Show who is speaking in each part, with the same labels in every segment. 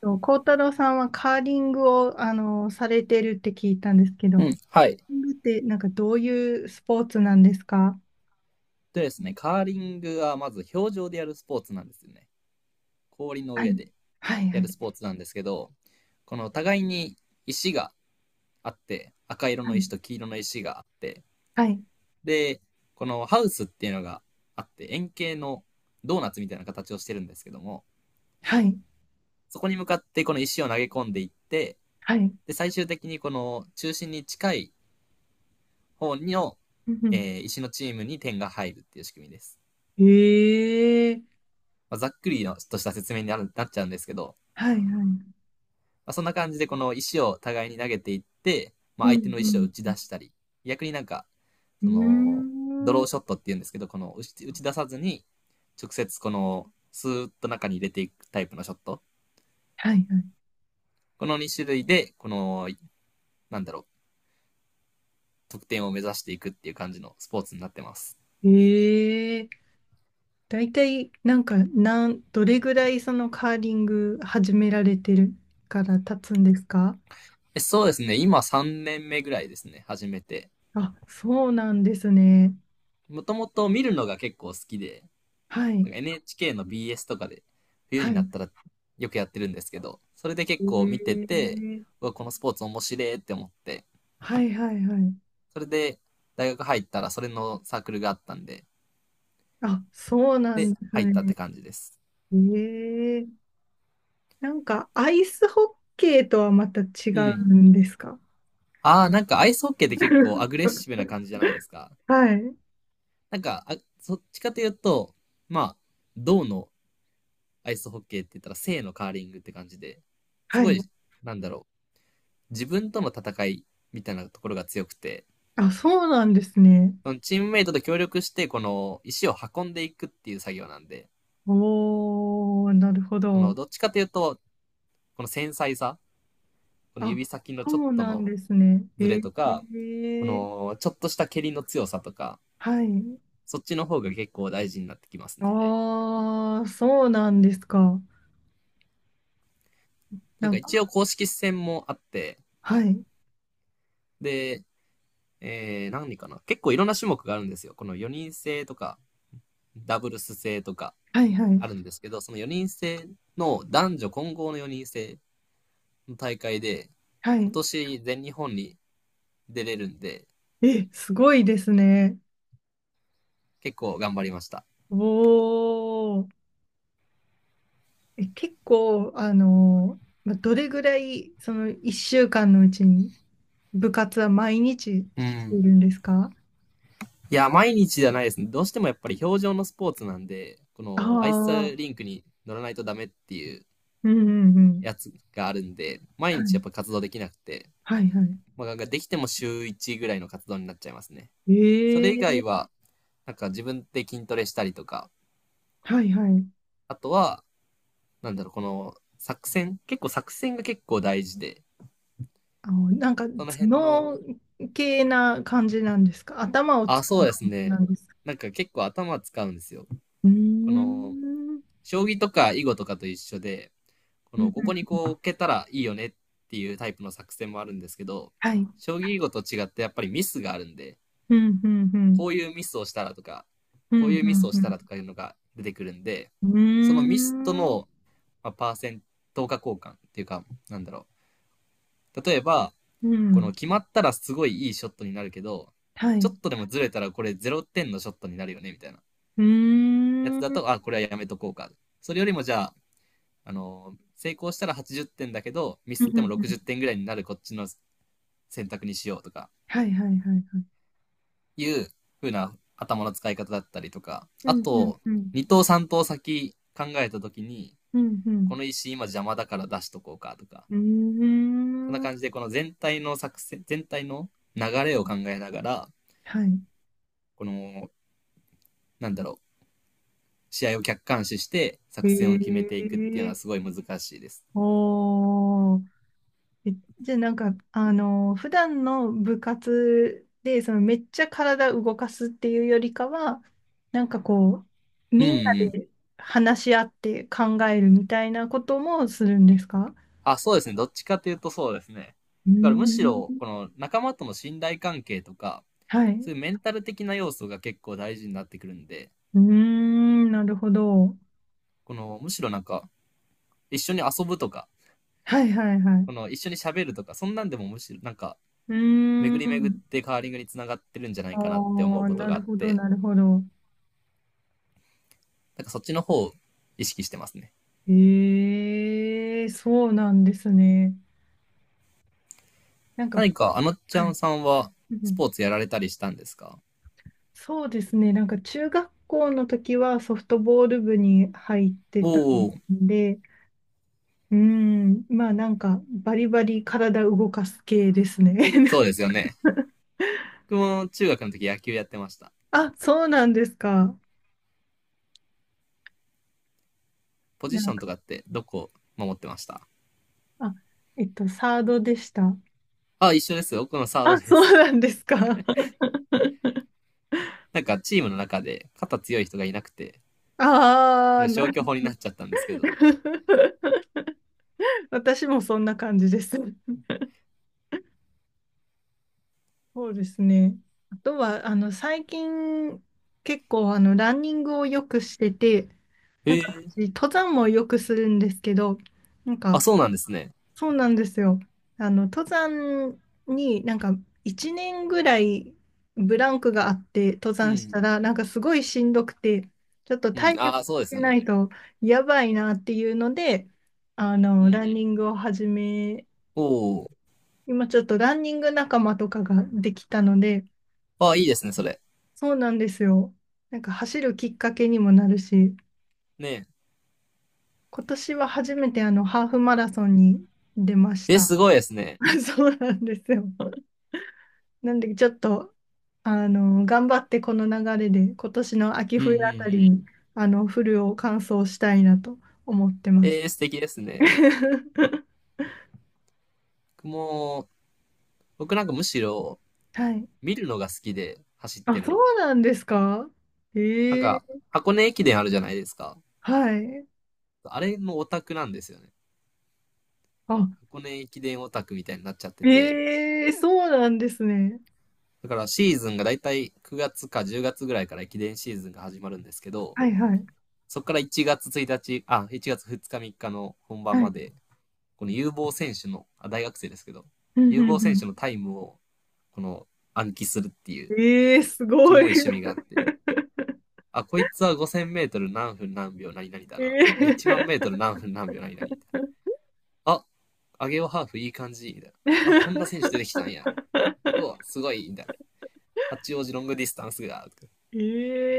Speaker 1: と、幸太郎さんはカーリングを、されてるって聞いたんですけど、
Speaker 2: う
Speaker 1: カー
Speaker 2: ん、はい。
Speaker 1: リングってなんかどういうスポーツなんですか？
Speaker 2: でですね、カーリングはまず氷上でやるスポーツなんですよね。氷の
Speaker 1: はい。
Speaker 2: 上で
Speaker 1: はい、
Speaker 2: や
Speaker 1: は
Speaker 2: る
Speaker 1: い、
Speaker 2: スポーツなんですけど、この互いに石があって、赤色
Speaker 1: は
Speaker 2: の
Speaker 1: い、
Speaker 2: 石と黄色の石があって、
Speaker 1: はい、
Speaker 2: で、このハウスっていうのがあって、円形のドーナツみたいな形をしてるんですけども、
Speaker 1: はい、
Speaker 2: そこに向かってこの石を投げ込んでいって、
Speaker 1: はい。
Speaker 2: で、最終的にこの中心に近い方の、
Speaker 1: うんうん。
Speaker 2: 石のチームに点が入るっていう仕組みです。
Speaker 1: へえ、
Speaker 2: まあざっくりのとした説明になるなっちゃうんですけど、
Speaker 1: はい、はい。
Speaker 2: まあ、そんな感じでこの石を互いに投げていって、ま
Speaker 1: う
Speaker 2: あ、相手
Speaker 1: ん、
Speaker 2: の
Speaker 1: う
Speaker 2: 石を打
Speaker 1: ん、
Speaker 2: ち出したり、逆になんか、
Speaker 1: う
Speaker 2: その、ド
Speaker 1: ん。うー
Speaker 2: ロー
Speaker 1: ん。
Speaker 2: ショットって言うんですけど、この打ち出さずに、直接この、スーッと中に入れていくタイプのショット。
Speaker 1: はい、は
Speaker 2: この2種類で、この、なんだろう、得点を目指していくっていう感じのスポーツになってます。
Speaker 1: い。へえ、大体なんか、どれぐらいそのカーリング始められてるから経つんですか？
Speaker 2: そうですね、今3年目ぐらいですね、始めて。
Speaker 1: あ、そうなんですね。
Speaker 2: もともと見るのが結構好きで、
Speaker 1: は
Speaker 2: な
Speaker 1: い。
Speaker 2: んか NHK の BS とかで、冬
Speaker 1: は
Speaker 2: にな
Speaker 1: い。
Speaker 2: ったらよくやってるんですけど、それで結構見てて、
Speaker 1: ええ。
Speaker 2: うわ、このスポーツ面白いって思って、
Speaker 1: はいはいはい。
Speaker 2: それで大学入ったらそれのサークルがあったんで、
Speaker 1: あ、そうな
Speaker 2: で、
Speaker 1: んです
Speaker 2: 入ったって
Speaker 1: ね。
Speaker 2: 感じです。
Speaker 1: ええ。なんかアイスホッケーとはまた違
Speaker 2: うん。
Speaker 1: うんですか？
Speaker 2: ああ、なんかアイスホッケーって結構アグレッシ ブな感じじゃないですか。
Speaker 1: はい。
Speaker 2: なんか、あ、そっちかというと、まあ、銅のアイスホッケーって言ったら、正のカーリングって感じで、す
Speaker 1: は
Speaker 2: ごい、
Speaker 1: い。
Speaker 2: なんだろう、自分との戦いみたいなところが強くて、
Speaker 1: あ、そうなんですね。
Speaker 2: そのチームメイトと協力して、この石を運んでいくっていう作業なんで、
Speaker 1: おー、なるほ
Speaker 2: その
Speaker 1: ど。
Speaker 2: どっちかというと、この繊細さ、この
Speaker 1: あ、
Speaker 2: 指先の
Speaker 1: そ
Speaker 2: ちょっ
Speaker 1: う
Speaker 2: と
Speaker 1: なん
Speaker 2: の
Speaker 1: ですね。
Speaker 2: ズレ
Speaker 1: え
Speaker 2: とか、こ
Speaker 1: え、
Speaker 2: のちょっとした蹴りの強さとか、
Speaker 1: はい。
Speaker 2: そっちの方が結構大事になってきますね。
Speaker 1: ああ、そうなんですか。
Speaker 2: な
Speaker 1: な
Speaker 2: んか
Speaker 1: ん
Speaker 2: 一
Speaker 1: か、
Speaker 2: 応公式戦もあって、
Speaker 1: はい。
Speaker 2: で、何かな結構いろんな種目があるんですよ。この4人制とか、ダブルス制とか
Speaker 1: はいはい。
Speaker 2: あるんですけど、その4人制の男女混合の4人制の大会で、
Speaker 1: は
Speaker 2: 今
Speaker 1: い。
Speaker 2: 年全日本に出れるんで、
Speaker 1: え、すごいですね。
Speaker 2: 結構頑張りました。
Speaker 1: おー。え、結構、どれぐらい、その1週間のうちに部活は毎日
Speaker 2: う
Speaker 1: して
Speaker 2: ん。
Speaker 1: いるんですか？
Speaker 2: いや、毎日じゃないですね。どうしてもやっぱり表情のスポーツなんで、こ
Speaker 1: あ
Speaker 2: のアイ
Speaker 1: あー、
Speaker 2: スリンクに乗らないとダメっていう
Speaker 1: うんうんうん。
Speaker 2: やつがあるんで、毎
Speaker 1: は
Speaker 2: 日やっ
Speaker 1: い、
Speaker 2: ぱ活動できなくて、
Speaker 1: はい、はい。
Speaker 2: まあ、できても週1ぐらいの活動になっちゃいますね。それ以
Speaker 1: え
Speaker 2: 外
Speaker 1: え、
Speaker 2: は、なんか自分で筋トレしたりとか、
Speaker 1: はいはい。
Speaker 2: あとは、なんだろう、この作戦結構作戦が結構大事で、
Speaker 1: なんか
Speaker 2: その辺の、
Speaker 1: 頭脳系な感じなんですか？頭を
Speaker 2: あ、
Speaker 1: 使
Speaker 2: そ
Speaker 1: う
Speaker 2: うで
Speaker 1: 感
Speaker 2: す
Speaker 1: じな
Speaker 2: ね。
Speaker 1: んですか？
Speaker 2: なんか結構頭使うんですよ。
Speaker 1: うー
Speaker 2: こ
Speaker 1: ん。う
Speaker 2: の、
Speaker 1: ん
Speaker 2: 将棋とか囲碁とかと一緒で、こ
Speaker 1: う
Speaker 2: の、
Speaker 1: ん。
Speaker 2: ここにこう置けたらいいよねっていうタイプの作戦もあるんですけど、
Speaker 1: はい。
Speaker 2: 将棋囲碁と違ってやっぱりミスがあるんで、
Speaker 1: うんうんうん。
Speaker 2: こういうミスをしたらとか、
Speaker 1: う
Speaker 2: こう
Speaker 1: ん
Speaker 2: いうミスを
Speaker 1: う
Speaker 2: したらと
Speaker 1: ん
Speaker 2: かいうのが出てくるんで、
Speaker 1: う
Speaker 2: そ
Speaker 1: ん。
Speaker 2: のミスと
Speaker 1: うーん。
Speaker 2: の、まあ、パーセント化交換っていうか、なんだろう。例えば、
Speaker 1: う
Speaker 2: この
Speaker 1: ん。
Speaker 2: 決まったらすごいいいショットになるけど、
Speaker 1: はい。
Speaker 2: ちょっ
Speaker 1: う
Speaker 2: とでもずれたらこれ0点のショットになるよねみたいな
Speaker 1: ー
Speaker 2: やつ
Speaker 1: う
Speaker 2: だ
Speaker 1: ん
Speaker 2: と、あ、これはやめとこうか。それよりもじゃあ、あの、成功したら80点だけど、ミ
Speaker 1: う
Speaker 2: スっ
Speaker 1: んう
Speaker 2: ても60
Speaker 1: ん。
Speaker 2: 点ぐらいになるこっちの選択にしようとか、
Speaker 1: はいはいはいはい。
Speaker 2: いう風な頭の使い方だったりとか、
Speaker 1: う
Speaker 2: あ
Speaker 1: んうん
Speaker 2: と、
Speaker 1: うん。
Speaker 2: 2等3等先考えた時に、
Speaker 1: うんう
Speaker 2: こ
Speaker 1: ん。
Speaker 2: の石今邪魔だから出しとこうかとか、
Speaker 1: う
Speaker 2: そんな
Speaker 1: ーん。
Speaker 2: 感じでこの全体の作戦、全体の流れを考えながら、
Speaker 1: はい。
Speaker 2: この、なんだろう、試合を客観視して作戦を決め
Speaker 1: へ
Speaker 2: ていくっていうの
Speaker 1: え。
Speaker 2: はすごい難しいです。
Speaker 1: おー。え、じゃあなんか、普段の部活で、めっちゃ体動かすっていうよりかは、なんかこう、
Speaker 2: うん
Speaker 1: みんな
Speaker 2: うん。
Speaker 1: で話し合って考えるみたいなこともするんですか？
Speaker 2: あ、そうですね。どっちかというとそうですね。
Speaker 1: う
Speaker 2: だからむし
Speaker 1: ー
Speaker 2: ろ、こ
Speaker 1: ん。
Speaker 2: の仲間との信頼関係とか、
Speaker 1: はい。
Speaker 2: そ
Speaker 1: う
Speaker 2: ういうメンタル的な要素が結構大事になってくるんで、
Speaker 1: ーん、なるほど。
Speaker 2: このむしろなんか、一緒に遊ぶとか、
Speaker 1: はいはいは
Speaker 2: こ
Speaker 1: い。
Speaker 2: の一緒に喋るとか、そんなんでもむしろなんか、
Speaker 1: うー
Speaker 2: 巡り巡っ
Speaker 1: ん。
Speaker 2: てカーリングにつながってるんじゃないかなって思
Speaker 1: あ
Speaker 2: う
Speaker 1: あ、
Speaker 2: こと
Speaker 1: な
Speaker 2: があ
Speaker 1: る
Speaker 2: っ
Speaker 1: ほど、
Speaker 2: て、
Speaker 1: なるほど。
Speaker 2: なんかそっちの方を意識してますね。
Speaker 1: ええ、そうなんですね。なんか、
Speaker 2: 何かあのち
Speaker 1: は
Speaker 2: ゃん
Speaker 1: い。
Speaker 2: さんは
Speaker 1: う
Speaker 2: スポ
Speaker 1: ん。
Speaker 2: ーツやられたりしたんですか？
Speaker 1: そうですね。なんか中学校の時はソフトボール部に入って
Speaker 2: お
Speaker 1: たん
Speaker 2: おー、
Speaker 1: で、うん、まあなんかバリバリ体動かす系ですね。
Speaker 2: そうですよね。僕も中学の時野球やってました。
Speaker 1: あ、そうなんですか。
Speaker 2: ポ
Speaker 1: な
Speaker 2: ジシ
Speaker 1: ん
Speaker 2: ョン
Speaker 1: か、
Speaker 2: とかってどこ守ってました？
Speaker 1: あ、サードでした。
Speaker 2: あ、一緒です。僕のサード
Speaker 1: あ、
Speaker 2: で
Speaker 1: そう
Speaker 2: す。
Speaker 1: なんですか。
Speaker 2: なんかチームの中で肩強い人がいなくて、
Speaker 1: あ
Speaker 2: な
Speaker 1: あ、
Speaker 2: んか
Speaker 1: な。
Speaker 2: 消去法になっちゃったんですけど。
Speaker 1: 私もそんな感じです。そうですね。あとは、最近、結構、ランニングをよくしてて、なん
Speaker 2: へ
Speaker 1: か、
Speaker 2: え。
Speaker 1: 私登山もよくするんですけど、なん
Speaker 2: あ、
Speaker 1: か、
Speaker 2: そうなんですね。
Speaker 1: そうなんですよ。登山に、なんか、1年ぐらいブランクがあって、登
Speaker 2: う
Speaker 1: 山した
Speaker 2: ん。
Speaker 1: ら、なんか、すごいしんどくて、ちょっと
Speaker 2: う
Speaker 1: 体
Speaker 2: ん。あ
Speaker 1: 力
Speaker 2: あ、
Speaker 1: つ
Speaker 2: そうです
Speaker 1: け
Speaker 2: よ
Speaker 1: な
Speaker 2: ね。
Speaker 1: いと、やばいなっていうので、
Speaker 2: う
Speaker 1: ラ
Speaker 2: ん。
Speaker 1: ンニングを始め、
Speaker 2: おお。
Speaker 1: 今、ちょっとランニング仲間とかができたので、
Speaker 2: ああ、いいですね、それ。
Speaker 1: そうなんですよ。なんか走るきっかけにもなるし、
Speaker 2: ね
Speaker 1: 今年は初めてハーフマラソンに出まし
Speaker 2: え。え、
Speaker 1: た。
Speaker 2: すごいですね。
Speaker 1: そうなんですよ。なんでちょっと、頑張ってこの流れで今年の秋
Speaker 2: うんう
Speaker 1: 冬
Speaker 2: ん
Speaker 1: あた
Speaker 2: う
Speaker 1: り
Speaker 2: ん。
Speaker 1: に、フルを完走したいなと思ってます。
Speaker 2: ええ素敵ですね。僕も、僕なんかむしろ
Speaker 1: はい。
Speaker 2: 見るのが好きで走って
Speaker 1: あ、そ
Speaker 2: る
Speaker 1: う
Speaker 2: の。
Speaker 1: なんですか。
Speaker 2: なん
Speaker 1: ええ、
Speaker 2: か、箱根駅伝あるじゃないですか。
Speaker 1: はい。
Speaker 2: あれのオタクなんですよね。
Speaker 1: あ、
Speaker 2: 箱根駅伝オタクみたいになっちゃってて。
Speaker 1: ええ、そうなんですね。
Speaker 2: だからシーズンがだいたい9月か10月ぐらいから駅伝シーズンが始まるんですけど、
Speaker 1: はいはい。
Speaker 2: そこから1月1日、あ、1月2日3日の本番
Speaker 1: は
Speaker 2: ま
Speaker 1: い。
Speaker 2: で、この有望選手の、あ、大学生ですけど、
Speaker 1: うん
Speaker 2: 有
Speaker 1: う
Speaker 2: 望選手
Speaker 1: ん
Speaker 2: のタイムを、この暗記するっていう、
Speaker 1: うん。ええ、す
Speaker 2: キ
Speaker 1: ご
Speaker 2: モ
Speaker 1: い。
Speaker 2: い趣味があって、あ、こいつは5000メートル何分何秒何々だ
Speaker 1: え
Speaker 2: な。いや、1万メート
Speaker 1: え。
Speaker 2: ル何分何秒何々みたいな。あ、アゲオハーフいい感じ、みたいな。あ、こんな選手出てきたんや。うわ、すごい、みたいな。八王子ロングディスタンスが、とか
Speaker 1: え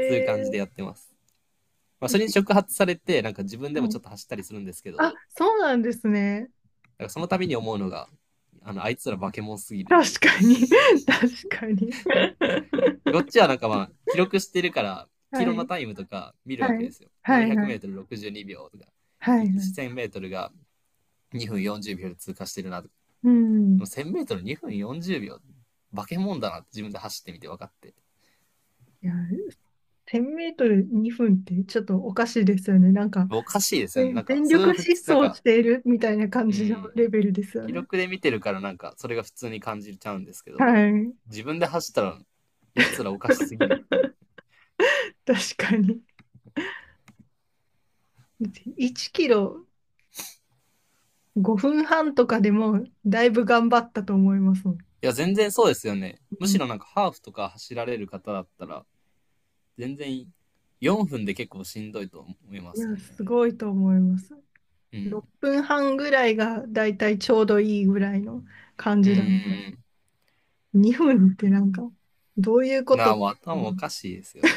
Speaker 2: そういう感じでやってます。まあ、それに触発されて、なんか自分でも
Speaker 1: は
Speaker 2: ち
Speaker 1: い。
Speaker 2: ょっと走ったりするんですけど、
Speaker 1: あ、そうなんですね。
Speaker 2: なんかその度に思うのが、あの、あいつら化け物すぎるってい
Speaker 1: 確
Speaker 2: う。
Speaker 1: かに。確かに。
Speaker 2: こっちはなんかまあ、記録してるから、キ
Speaker 1: は
Speaker 2: ロの
Speaker 1: い。
Speaker 2: タイムとか見るわ
Speaker 1: は
Speaker 2: けで
Speaker 1: い。
Speaker 2: すよ。400
Speaker 1: はい。
Speaker 2: メ
Speaker 1: は
Speaker 2: ー
Speaker 1: い。
Speaker 2: トル62秒とか、
Speaker 1: はい。はい。
Speaker 2: 1000メートルが2分40秒で通過してるなと
Speaker 1: う
Speaker 2: か、
Speaker 1: ん。
Speaker 2: 1000メートル2分40秒、化け物だなって自分で走ってみて分かって。
Speaker 1: いや、1000メートル2分ってちょっとおかしいですよね。なんか、
Speaker 2: おかしいですよね。なんか、
Speaker 1: 全
Speaker 2: それ
Speaker 1: 力
Speaker 2: を
Speaker 1: 疾
Speaker 2: なん
Speaker 1: 走
Speaker 2: か、
Speaker 1: しているみたいな感
Speaker 2: う
Speaker 1: じの
Speaker 2: ん、
Speaker 1: レベルですよ
Speaker 2: 記
Speaker 1: ね。
Speaker 2: 録で見てるからなんか、それが普通に感じちゃうんですけど、
Speaker 1: はい。
Speaker 2: 自分で走ったら、やつらおかしすぎる。い
Speaker 1: 確かに。1キロ5分半とかでもだいぶ頑張ったと思いますもん。
Speaker 2: や、全然そうですよね。
Speaker 1: う
Speaker 2: むし
Speaker 1: ん、
Speaker 2: ろなんかハーフとか走られる方だったら、全然4分で結構しんどいと思いま
Speaker 1: い
Speaker 2: すも
Speaker 1: や、
Speaker 2: ん
Speaker 1: す
Speaker 2: ね。
Speaker 1: ごいと思います。
Speaker 2: うん。
Speaker 1: 6分半ぐらいがだいたいちょうどいいぐらいの感
Speaker 2: うん
Speaker 1: じ
Speaker 2: うん
Speaker 1: なんで、
Speaker 2: うん。
Speaker 1: 2分ってなんか、どういうこ
Speaker 2: なあ、
Speaker 1: と？
Speaker 2: もう 頭おかしいですよ。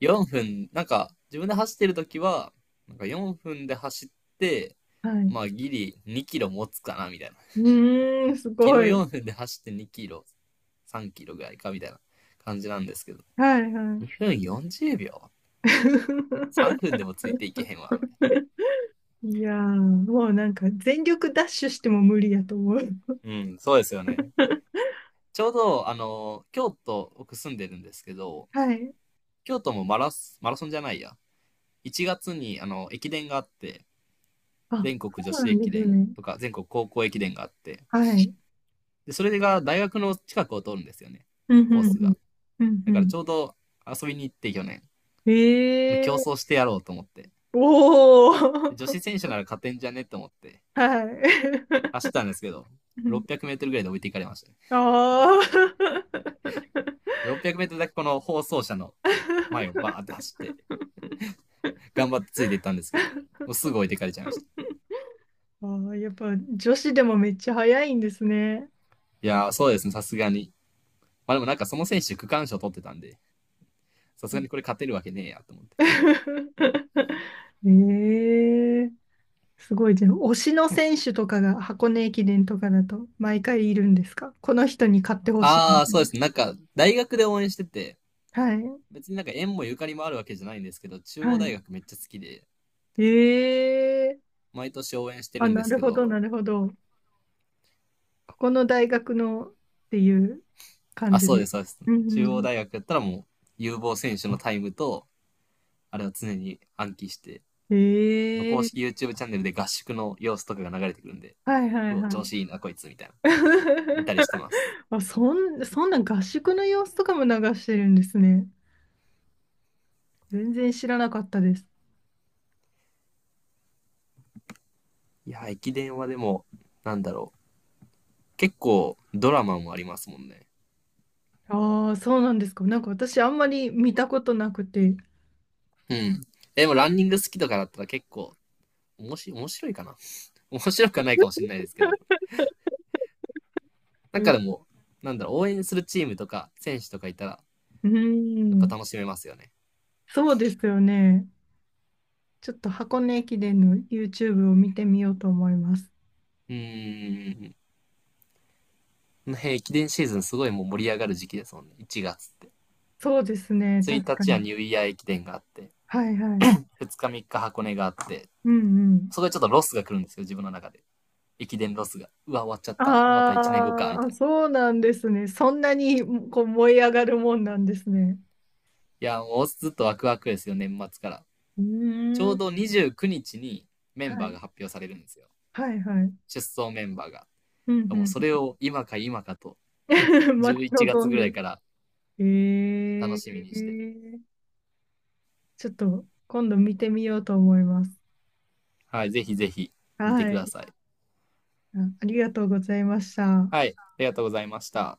Speaker 2: 4分、なんか自分で走ってるときは、なんか4分で走って、
Speaker 1: はい。
Speaker 2: まあギリ2キロ持つかなみたいな。
Speaker 1: うーん、す
Speaker 2: キ
Speaker 1: ご
Speaker 2: ロ
Speaker 1: い。
Speaker 2: 4分で走って2キロ、3キロぐらいかみたいな感じなんですけど、
Speaker 1: はいはい。
Speaker 2: 2分40秒 ?3 分 でもついていけへんわ、みたいな。
Speaker 1: いやー、もうなんか全力ダッシュしても無理やと思う。
Speaker 2: うん、そうですよね。ちょうど、あの、京都、僕住んでるんですけど、
Speaker 1: はい。
Speaker 2: 京都もマラソンじゃないや。1月に、あの、駅伝があって、
Speaker 1: あ、
Speaker 2: 全
Speaker 1: そ
Speaker 2: 国女
Speaker 1: うな
Speaker 2: 子
Speaker 1: ん
Speaker 2: 駅
Speaker 1: です
Speaker 2: 伝
Speaker 1: ね。
Speaker 2: とか、全国高校駅伝があって、
Speaker 1: はい。
Speaker 2: で、それが大学の近くを通るんですよね、
Speaker 1: うん
Speaker 2: コー
Speaker 1: うん
Speaker 2: ス
Speaker 1: うん。
Speaker 2: が。
Speaker 1: うんう
Speaker 2: だから
Speaker 1: ん。
Speaker 2: ちょうど遊びに行って去年、
Speaker 1: え
Speaker 2: 競争
Speaker 1: え。
Speaker 2: してやろうと思って、
Speaker 1: おお
Speaker 2: で女
Speaker 1: ー。
Speaker 2: 子選手なら勝てんじゃねと思って、
Speaker 1: はい。
Speaker 2: 走ったんですけど、
Speaker 1: うん。
Speaker 2: 600メートルぐらいで置いていかれました、ね。
Speaker 1: あー。
Speaker 2: 600メートルだけこの放送車の前をバーって走って、頑張ってついていったんですけど、も うすぐ置いてかれちゃいました。
Speaker 1: あー、やっぱ女子でもめっちゃ早いんですね。
Speaker 2: いやー、そうですね、さすがに。まあでもなんかその選手区間賞取ってたんで、さすがにこれ 勝てるわけねえやと思って。
Speaker 1: ええー、すごい。じゃあ、推しの選手とかが箱根駅伝とかだと毎回いるんですか？この人に買ってほしいみ
Speaker 2: ああ、
Speaker 1: たい
Speaker 2: そうで
Speaker 1: な。
Speaker 2: すね、なんか大学で応援してて、
Speaker 1: はい。
Speaker 2: 別になんか縁もゆかりもあるわけじゃないんですけど、中央大学
Speaker 1: は
Speaker 2: めっちゃ好きで、
Speaker 1: い。ええー。
Speaker 2: 毎年応援して
Speaker 1: あ、
Speaker 2: るん
Speaker 1: な
Speaker 2: です
Speaker 1: る
Speaker 2: け
Speaker 1: ほ
Speaker 2: ど、
Speaker 1: ど、なるほど。ここの大学のっていう感
Speaker 2: あ、
Speaker 1: じ
Speaker 2: そうで
Speaker 1: で。
Speaker 2: す、そうです。
Speaker 1: うんう
Speaker 2: 中央
Speaker 1: ん。
Speaker 2: 大学やったらもう、有望選手のタイムと、あれを常に暗記して、公
Speaker 1: え
Speaker 2: 式
Speaker 1: え。
Speaker 2: YouTube チャンネルで合宿の様子とかが流れてくるんで、
Speaker 1: はいは
Speaker 2: う
Speaker 1: い
Speaker 2: お、
Speaker 1: は
Speaker 2: 調
Speaker 1: い。
Speaker 2: 子いいな、こいつ、みたいな。い たりしてます。
Speaker 1: あ、そんな合宿の様子とかも流してるんですね。全然知らなかったです。
Speaker 2: いや、駅伝はでも、なんだろう。結構ドラマもありますもんね。
Speaker 1: ああ、そうなんですか。なんか私あんまり見たことなくて。
Speaker 2: うん。でもランニング好きとかだったら結構、おもし面白いかな。面白くはないかもしれないですけど。なんかで
Speaker 1: え。
Speaker 2: も、なんだろう、応援するチームとか選手とかいたら、
Speaker 1: う
Speaker 2: やっぱ
Speaker 1: ん。
Speaker 2: 楽しめますよね。
Speaker 1: そうですよね。ちょっと箱根駅伝の YouTube を見てみようと思います。
Speaker 2: うーん。ね、駅伝シーズンすごいもう盛り上がる時期ですもんね。1月って。
Speaker 1: そうですね。
Speaker 2: 1
Speaker 1: 確か
Speaker 2: 日は
Speaker 1: に。
Speaker 2: ニューイヤー駅伝があって、
Speaker 1: はいはい。
Speaker 2: 2日3日箱根があって、
Speaker 1: うんうん。
Speaker 2: そこでちょっとロスが来るんですよ、自分の中で。駅伝ロスが。うわ、終わっちゃった。また1年後か、
Speaker 1: あ
Speaker 2: み
Speaker 1: ー
Speaker 2: たい
Speaker 1: あ、
Speaker 2: な。
Speaker 1: そうなんですね。そんなにこう燃え上がるもんなんですね。
Speaker 2: いや、もうずっとワクワクですよ、年末から。
Speaker 1: う
Speaker 2: ちょ
Speaker 1: ー
Speaker 2: う
Speaker 1: ん。
Speaker 2: ど29日にちにメ
Speaker 1: は
Speaker 2: ンバー
Speaker 1: い。
Speaker 2: が発表されるんですよ。
Speaker 1: はいはい。
Speaker 2: 出走メンバーが。
Speaker 1: うんうんう
Speaker 2: もう
Speaker 1: ん。
Speaker 2: それを今か今かと、
Speaker 1: 待ち
Speaker 2: 11
Speaker 1: 望
Speaker 2: 月
Speaker 1: ん
Speaker 2: ぐらい
Speaker 1: で。
Speaker 2: から
Speaker 1: え
Speaker 2: 楽しみにして、
Speaker 1: ー、ちょっと今度見てみようと思います。
Speaker 2: はい、ぜひぜひ見て
Speaker 1: は
Speaker 2: くだ
Speaker 1: い。
Speaker 2: さい。
Speaker 1: あ、ありがとうございました。
Speaker 2: はい、ありがとうございました。